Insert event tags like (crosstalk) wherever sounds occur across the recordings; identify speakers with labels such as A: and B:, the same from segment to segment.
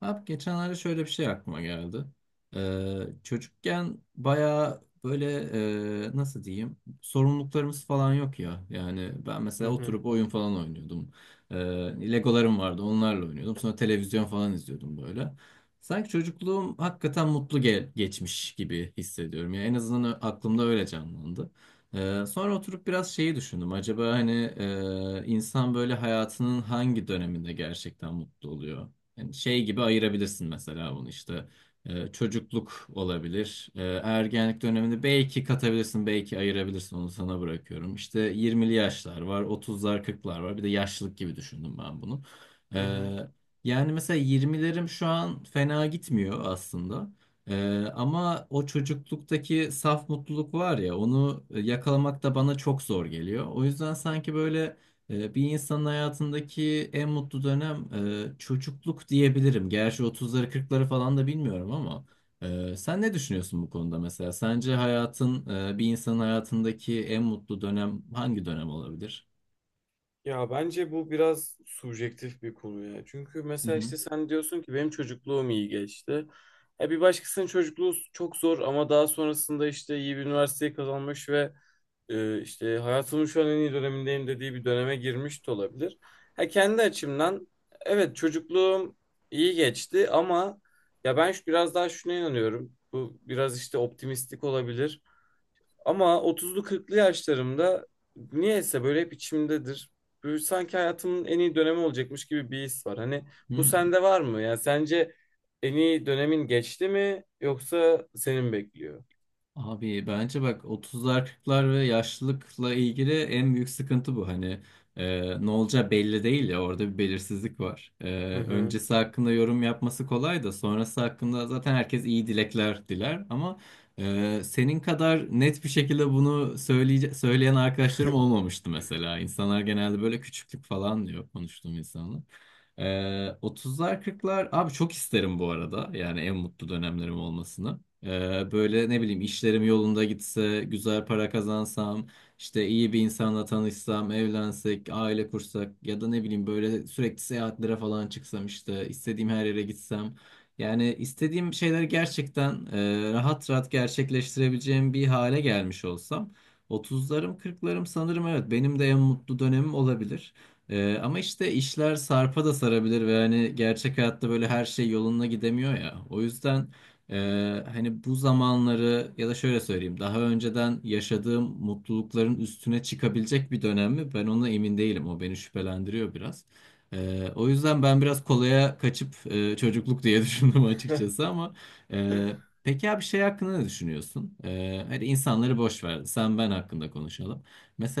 A: Abi geçenlerde şöyle bir şey aklıma geldi. Çocukken bayağı böyle nasıl diyeyim sorumluluklarımız falan yok ya. Yani ben
B: Hı
A: mesela
B: hı,
A: oturup oyun falan oynuyordum. Ee, Legolarım vardı onlarla oynuyordum. Sonra televizyon falan izliyordum böyle. Sanki çocukluğum hakikaten mutlu geçmiş gibi hissediyorum. Yani en azından aklımda öyle canlandı. Sonra oturup biraz şeyi düşündüm. Acaba hani insan böyle hayatının hangi döneminde gerçekten mutlu oluyor? Yani şey gibi ayırabilirsin mesela bunu işte çocukluk olabilir. Ergenlik döneminde belki katabilirsin, belki ayırabilirsin. Onu sana bırakıyorum. İşte 20'li yaşlar var, 30'lar, 40'lar var. Bir de yaşlılık gibi düşündüm ben bunu.
B: hı hı.
A: Ee, yani mesela 20'lerim şu an fena gitmiyor aslında. Ama o çocukluktaki saf mutluluk var ya onu yakalamak da bana çok zor geliyor. O yüzden sanki böyle bir insanın hayatındaki en mutlu dönem çocukluk diyebilirim. Gerçi otuzları kırkları falan da bilmiyorum ama sen ne düşünüyorsun bu konuda mesela? Sence hayatın bir insanın hayatındaki en mutlu dönem hangi dönem olabilir?
B: Ya bence bu biraz subjektif bir konu ya. Çünkü
A: Hı
B: mesela
A: hı.
B: işte sen diyorsun ki benim çocukluğum iyi geçti. E bir başkasının çocukluğu çok zor ama daha sonrasında işte iyi bir üniversiteyi kazanmış ve işte hayatımın şu an en iyi dönemindeyim dediği bir döneme girmiş de olabilir. Ha kendi açımdan evet çocukluğum iyi geçti ama ya ben biraz daha şuna inanıyorum. Bu biraz işte optimistik olabilir. Ama 30'lu 40'lı yaşlarımda niyeyse böyle hep içimdedir. Böyle sanki hayatımın en iyi dönemi olacakmış gibi bir his var. Hani bu
A: Hı.
B: sende var mı? Yani sence en iyi dönemin geçti mi yoksa senin bekliyor?
A: Abi bence bak 30'lar kırklar ve yaşlılıkla ilgili en büyük sıkıntı bu. Hani ne olacağı belli değil ya orada bir belirsizlik var. E,
B: Hı hı.
A: öncesi hakkında yorum yapması kolay da sonrası hakkında zaten herkes iyi dilekler diler. Ama senin kadar net bir şekilde bunu söyleyen arkadaşlarım
B: (laughs)
A: olmamıştı mesela. İnsanlar genelde böyle küçüklük falan diyor konuştuğum insanlar. E, 30'lar kırklar abi çok isterim bu arada yani en mutlu dönemlerim olmasını. Böyle ne bileyim işlerim yolunda gitse, güzel para kazansam, işte iyi bir insanla tanışsam, evlensek, aile kursak ya da ne bileyim böyle sürekli seyahatlere falan çıksam işte istediğim her yere gitsem. Yani istediğim şeyleri gerçekten rahat rahat gerçekleştirebileceğim bir hale gelmiş olsam 30'larım 40'larım sanırım evet benim de en mutlu dönemim olabilir. Ama işte işler sarpa da sarabilir ve hani gerçek hayatta böyle her şey yoluna gidemiyor ya. O yüzden hani bu zamanları ya da şöyle söyleyeyim daha önceden yaşadığım mutlulukların üstüne çıkabilecek bir dönem mi? Ben ona emin değilim. O beni şüphelendiriyor biraz. O yüzden ben biraz kolaya kaçıp çocukluk diye (laughs) düşündüm açıkçası ama e, peki abi şey hakkında ne düşünüyorsun? Hadi insanları boş ver. Sen ben hakkında konuşalım.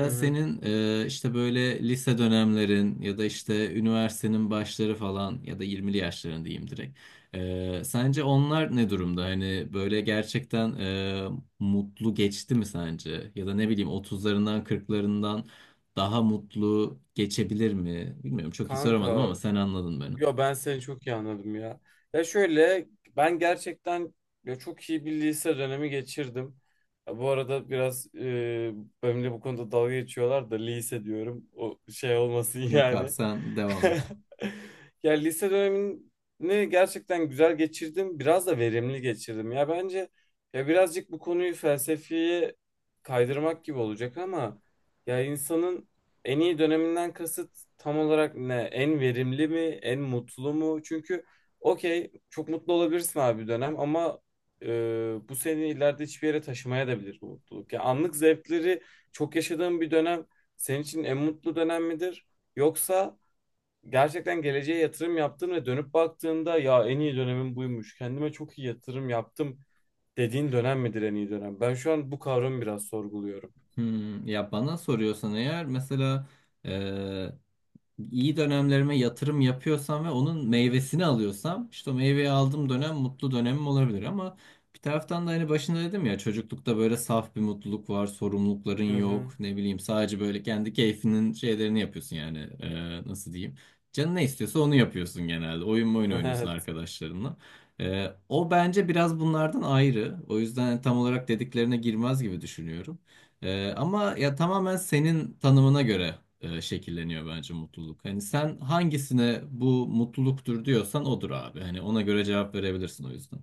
B: Hı hı.
A: senin işte böyle lise dönemlerin ya da işte üniversitenin başları falan ya da 20'li yaşların diyeyim direkt. Sence onlar ne durumda? Hani böyle gerçekten mutlu geçti mi sence? Ya da ne bileyim otuzlarından kırklarından daha mutlu geçebilir mi? Bilmiyorum çok iyi soramadım
B: Kanka,
A: ama sen anladın beni.
B: yo ben seni çok iyi anladım ya. Ya şöyle, ben gerçekten ya çok iyi bir lise dönemi geçirdim. Ya bu arada biraz benimle bu konuda dalga geçiyorlar da lise diyorum. O şey olmasın (laughs)
A: Yok abi
B: yani.
A: sen devam
B: (laughs)
A: et.
B: Ya lise dönemini gerçekten güzel geçirdim. Biraz da verimli geçirdim. Ya bence ya birazcık bu konuyu felsefeye kaydırmak gibi olacak ama ya insanın en iyi döneminden kasıt tam olarak ne? En verimli mi? En mutlu mu? Çünkü okey çok mutlu olabilirsin abi bir dönem ama e, bu seni ileride hiçbir yere taşımaya da bilir bu mutluluk. Ya anlık zevkleri çok yaşadığın bir dönem senin için en mutlu dönem midir? Yoksa gerçekten geleceğe yatırım yaptın ve dönüp baktığında ya en iyi dönemim buymuş. Kendime çok iyi yatırım yaptım dediğin dönem midir en iyi dönem? Ben şu an bu kavramı biraz sorguluyorum.
A: Ya bana soruyorsan eğer mesela iyi dönemlerime yatırım yapıyorsam ve onun meyvesini alıyorsam işte o meyveyi aldığım dönem mutlu dönemim olabilir ama bir taraftan da hani başında dedim ya çocuklukta böyle saf bir mutluluk var, sorumlulukların
B: Hı hı.
A: yok, ne bileyim sadece böyle kendi keyfinin şeylerini yapıyorsun yani Nasıl diyeyim? Canın ne istiyorsa onu yapıyorsun genelde. Oyun oyun oynuyorsun
B: (laughs)
A: arkadaşlarınla. O bence biraz bunlardan ayrı. O yüzden tam olarak dediklerine girmez gibi düşünüyorum. Ama ya tamamen senin tanımına göre şekilleniyor bence mutluluk. Hani sen hangisine bu mutluluktur diyorsan odur abi. Hani ona göre cevap verebilirsin o yüzden.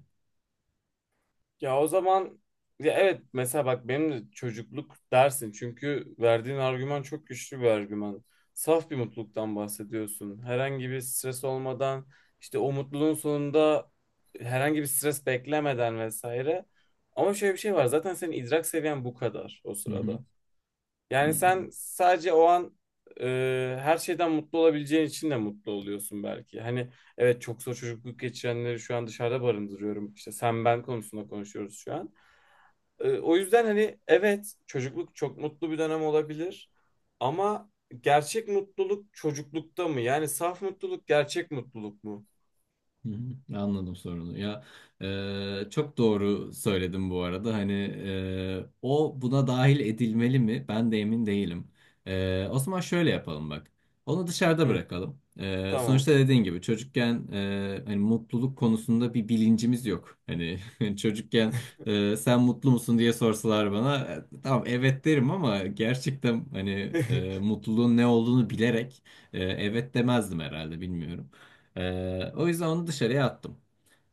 B: Ya o zaman ya evet mesela bak benim de çocukluk dersin çünkü verdiğin argüman çok güçlü bir argüman. Saf bir mutluluktan bahsediyorsun. Herhangi bir stres olmadan işte o mutluluğun sonunda herhangi bir stres beklemeden vesaire. Ama şöyle bir şey var zaten senin idrak seviyen bu kadar o
A: Hı hı.
B: sırada.
A: Hı.
B: Yani sen sadece o an her şeyden mutlu olabileceğin için de mutlu oluyorsun belki. Hani evet çok zor çocukluk geçirenleri şu an dışarıda barındırıyorum. İşte sen ben konusunda konuşuyoruz şu an. E, o yüzden hani evet çocukluk çok mutlu bir dönem olabilir. Ama gerçek mutluluk çocuklukta mı? Yani saf mutluluk gerçek mutluluk mu?
A: Hı hı, anladım sorunu. Ya çok doğru söyledim bu arada. Hani o buna dahil edilmeli mi? Ben de emin değilim. O zaman şöyle yapalım bak. Onu dışarıda
B: Hı,
A: bırakalım. E,
B: tamam.
A: sonuçta dediğin gibi çocukken hani mutluluk konusunda bir bilincimiz yok. Hani (laughs) çocukken sen mutlu musun diye sorsalar bana tamam evet derim ama gerçekten hani
B: (laughs)
A: mutluluğun ne olduğunu bilerek evet demezdim herhalde bilmiyorum. O yüzden onu dışarıya attım.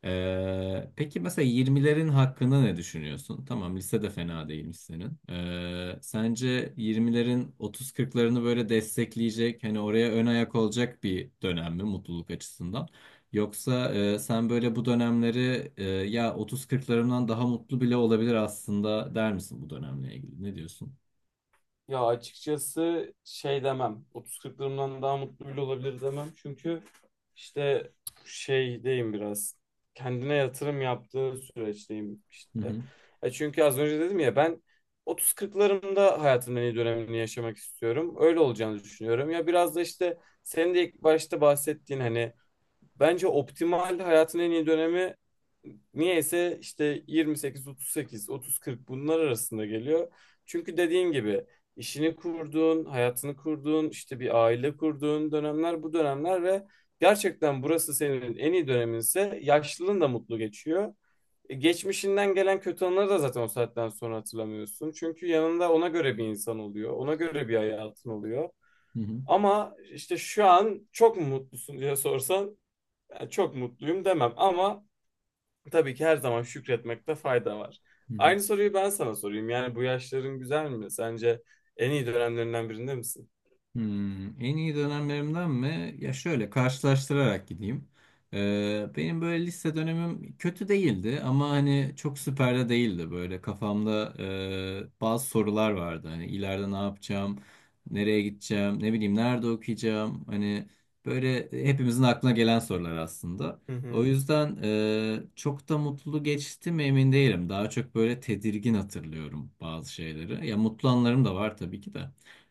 A: Peki mesela 20'lerin hakkında ne düşünüyorsun? Tamam lise de fena değilmiş senin. Sence 20'lerin 30-40'larını böyle destekleyecek, hani oraya ön ayak olacak bir dönem mi mutluluk açısından? Yoksa sen böyle bu dönemleri ya 30-40'larımdan daha mutlu bile olabilir aslında der misin bu dönemle ilgili? Ne diyorsun?
B: Ya açıkçası şey demem. 30-40'larımdan daha mutlu bile olabilir demem. Çünkü işte şeydeyim biraz. Kendine yatırım yaptığı süreçteyim
A: Hı
B: işte.
A: hı,
B: E çünkü az önce dedim ya ben 30-40'larımda hayatımın en iyi dönemini yaşamak istiyorum. Öyle olacağını düşünüyorum. Ya biraz da işte senin de ilk başta bahsettiğin hani bence optimal hayatın en iyi dönemi niyeyse işte 28, 38, 30, 40 bunlar arasında geliyor. Çünkü dediğin gibi işini kurduğun, hayatını kurduğun, işte bir aile kurduğun dönemler bu dönemler ve gerçekten burası senin en iyi döneminse yaşlılığın da mutlu geçiyor. E, geçmişinden gelen kötü anıları da zaten o saatten sonra hatırlamıyorsun. Çünkü yanında ona göre bir insan oluyor. Ona göre bir hayatın oluyor.
A: hı hı,
B: Ama işte şu an çok mu mutlusun diye sorsan yani çok mutluyum demem ama tabii ki her zaman şükretmekte fayda var.
A: hı hı.
B: Aynı soruyu ben sana sorayım. Yani bu yaşların güzel mi? Sence en iyi dönemlerinden birinde misin?
A: En iyi dönemlerimden mi? Ya şöyle karşılaştırarak gideyim. Benim böyle lise dönemim kötü değildi ama hani çok süper de değildi. Böyle kafamda bazı sorular vardı. Hani ileride ne yapacağım, nereye gideceğim, ne bileyim nerede okuyacağım. Hani böyle hepimizin aklına gelen sorular aslında.
B: Hı
A: O
B: hı.
A: yüzden çok da mutlu geçti mi emin değilim. Daha çok böyle tedirgin hatırlıyorum bazı şeyleri. Ya mutlu anlarım da var tabii ki de.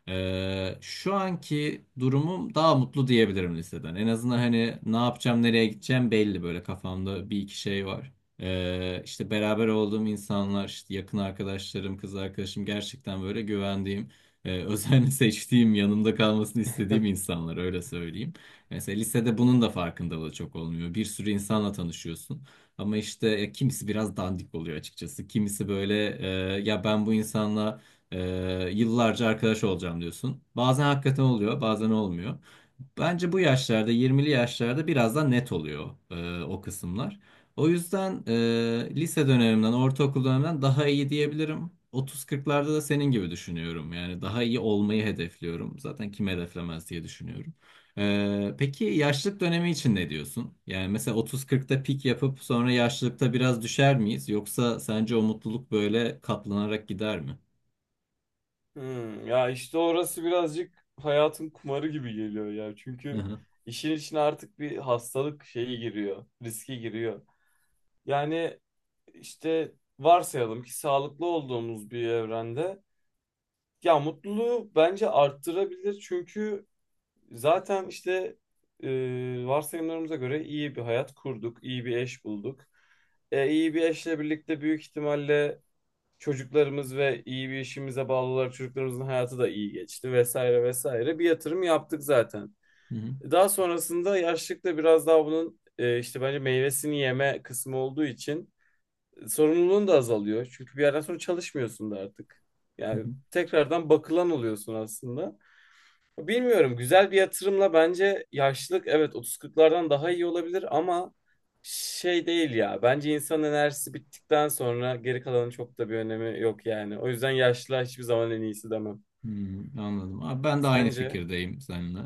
A: Şu anki durumum daha mutlu diyebilirim liseden. En azından hani ne yapacağım, nereye gideceğim belli böyle kafamda bir iki şey var. İşte beraber olduğum insanlar, işte yakın arkadaşlarım, kız arkadaşım gerçekten böyle güvendiğim, özenle (laughs) seçtiğim, yanımda kalmasını istediğim
B: (laughs)
A: insanlar öyle söyleyeyim. Mesela lisede bunun da farkındalığı çok olmuyor. Bir sürü insanla tanışıyorsun. Ama işte kimisi biraz dandik oluyor açıkçası. Kimisi böyle ya ben bu insanla yıllarca arkadaş olacağım diyorsun. Bazen hakikaten oluyor, bazen olmuyor. Bence bu yaşlarda, 20'li yaşlarda biraz daha net oluyor o kısımlar. O yüzden lise dönemimden, ortaokul dönemimden daha iyi diyebilirim. 30-40'larda da senin gibi düşünüyorum. Yani daha iyi olmayı hedefliyorum. Zaten kim hedeflemez diye düşünüyorum. Peki yaşlılık dönemi için ne diyorsun? Yani mesela 30-40'ta pik yapıp sonra yaşlılıkta biraz düşer miyiz? Yoksa sence o mutluluk böyle katlanarak gider mi?
B: Hmm, ya işte orası birazcık hayatın kumarı gibi geliyor ya. Çünkü işin içine artık bir hastalık şeyi giriyor, riski giriyor. Yani işte varsayalım ki sağlıklı olduğumuz bir evrende ya mutluluğu bence arttırabilir çünkü zaten işte e, varsayımlarımıza göre iyi bir hayat kurduk, iyi bir eş bulduk. E, iyi bir eşle birlikte büyük ihtimalle çocuklarımız ve iyi bir işimize bağlılar çocuklarımızın hayatı da iyi geçti vesaire vesaire. Bir yatırım yaptık zaten.
A: Hı hı,
B: Daha sonrasında yaşlılıkta biraz daha bunun işte bence meyvesini yeme kısmı olduğu için sorumluluğun da azalıyor. Çünkü bir yerden sonra çalışmıyorsun da artık.
A: hı
B: Yani
A: hı.
B: tekrardan bakılan oluyorsun aslında. Bilmiyorum güzel bir yatırımla bence yaşlılık evet 30-40'lardan daha iyi olabilir ama şey değil ya. Bence insan enerjisi bittikten sonra geri kalanın çok da bir önemi yok yani. O yüzden yaşlılığa hiçbir zaman en iyisi demem.
A: Anladım. Abi ben de aynı
B: Sence?
A: fikirdeyim seninle.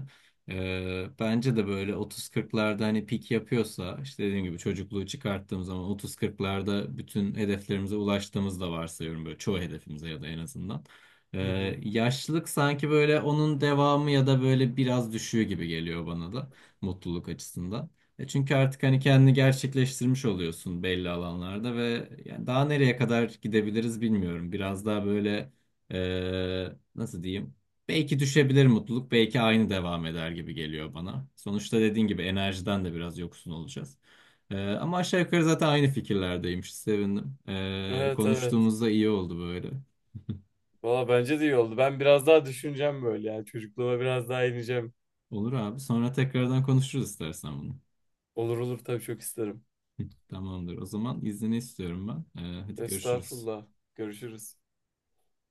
A: Bence de böyle 30-40'larda hani pik yapıyorsa işte dediğim gibi çocukluğu çıkarttığım zaman 30-40'larda bütün hedeflerimize ulaştığımız da varsayıyorum böyle çoğu hedefimize ya da en azından.
B: Hı
A: Ee,
B: hı.
A: yaşlılık sanki böyle onun devamı ya da böyle biraz düşüğü gibi geliyor bana da mutluluk açısından. Çünkü artık hani kendini gerçekleştirmiş oluyorsun belli alanlarda ve yani daha nereye kadar gidebiliriz bilmiyorum. Biraz daha böyle Nasıl diyeyim? Belki düşebilir mutluluk, belki aynı devam eder gibi geliyor bana. Sonuçta dediğin gibi enerjiden de biraz yoksun olacağız. Ama aşağı yukarı zaten aynı fikirlerdeymiş. Sevindim. Ee,
B: Evet evet.
A: konuştuğumuzda iyi oldu böyle. (laughs)
B: Valla bence de iyi oldu. Ben biraz daha düşüneceğim böyle yani. Çocukluğuma biraz daha ineceğim.
A: Olur abi. Sonra tekrardan konuşuruz istersen bunu.
B: Olur olur tabii çok isterim.
A: (laughs) Tamamdır. O zaman izni istiyorum ben. Hadi görüşürüz.
B: Estağfurullah. Görüşürüz.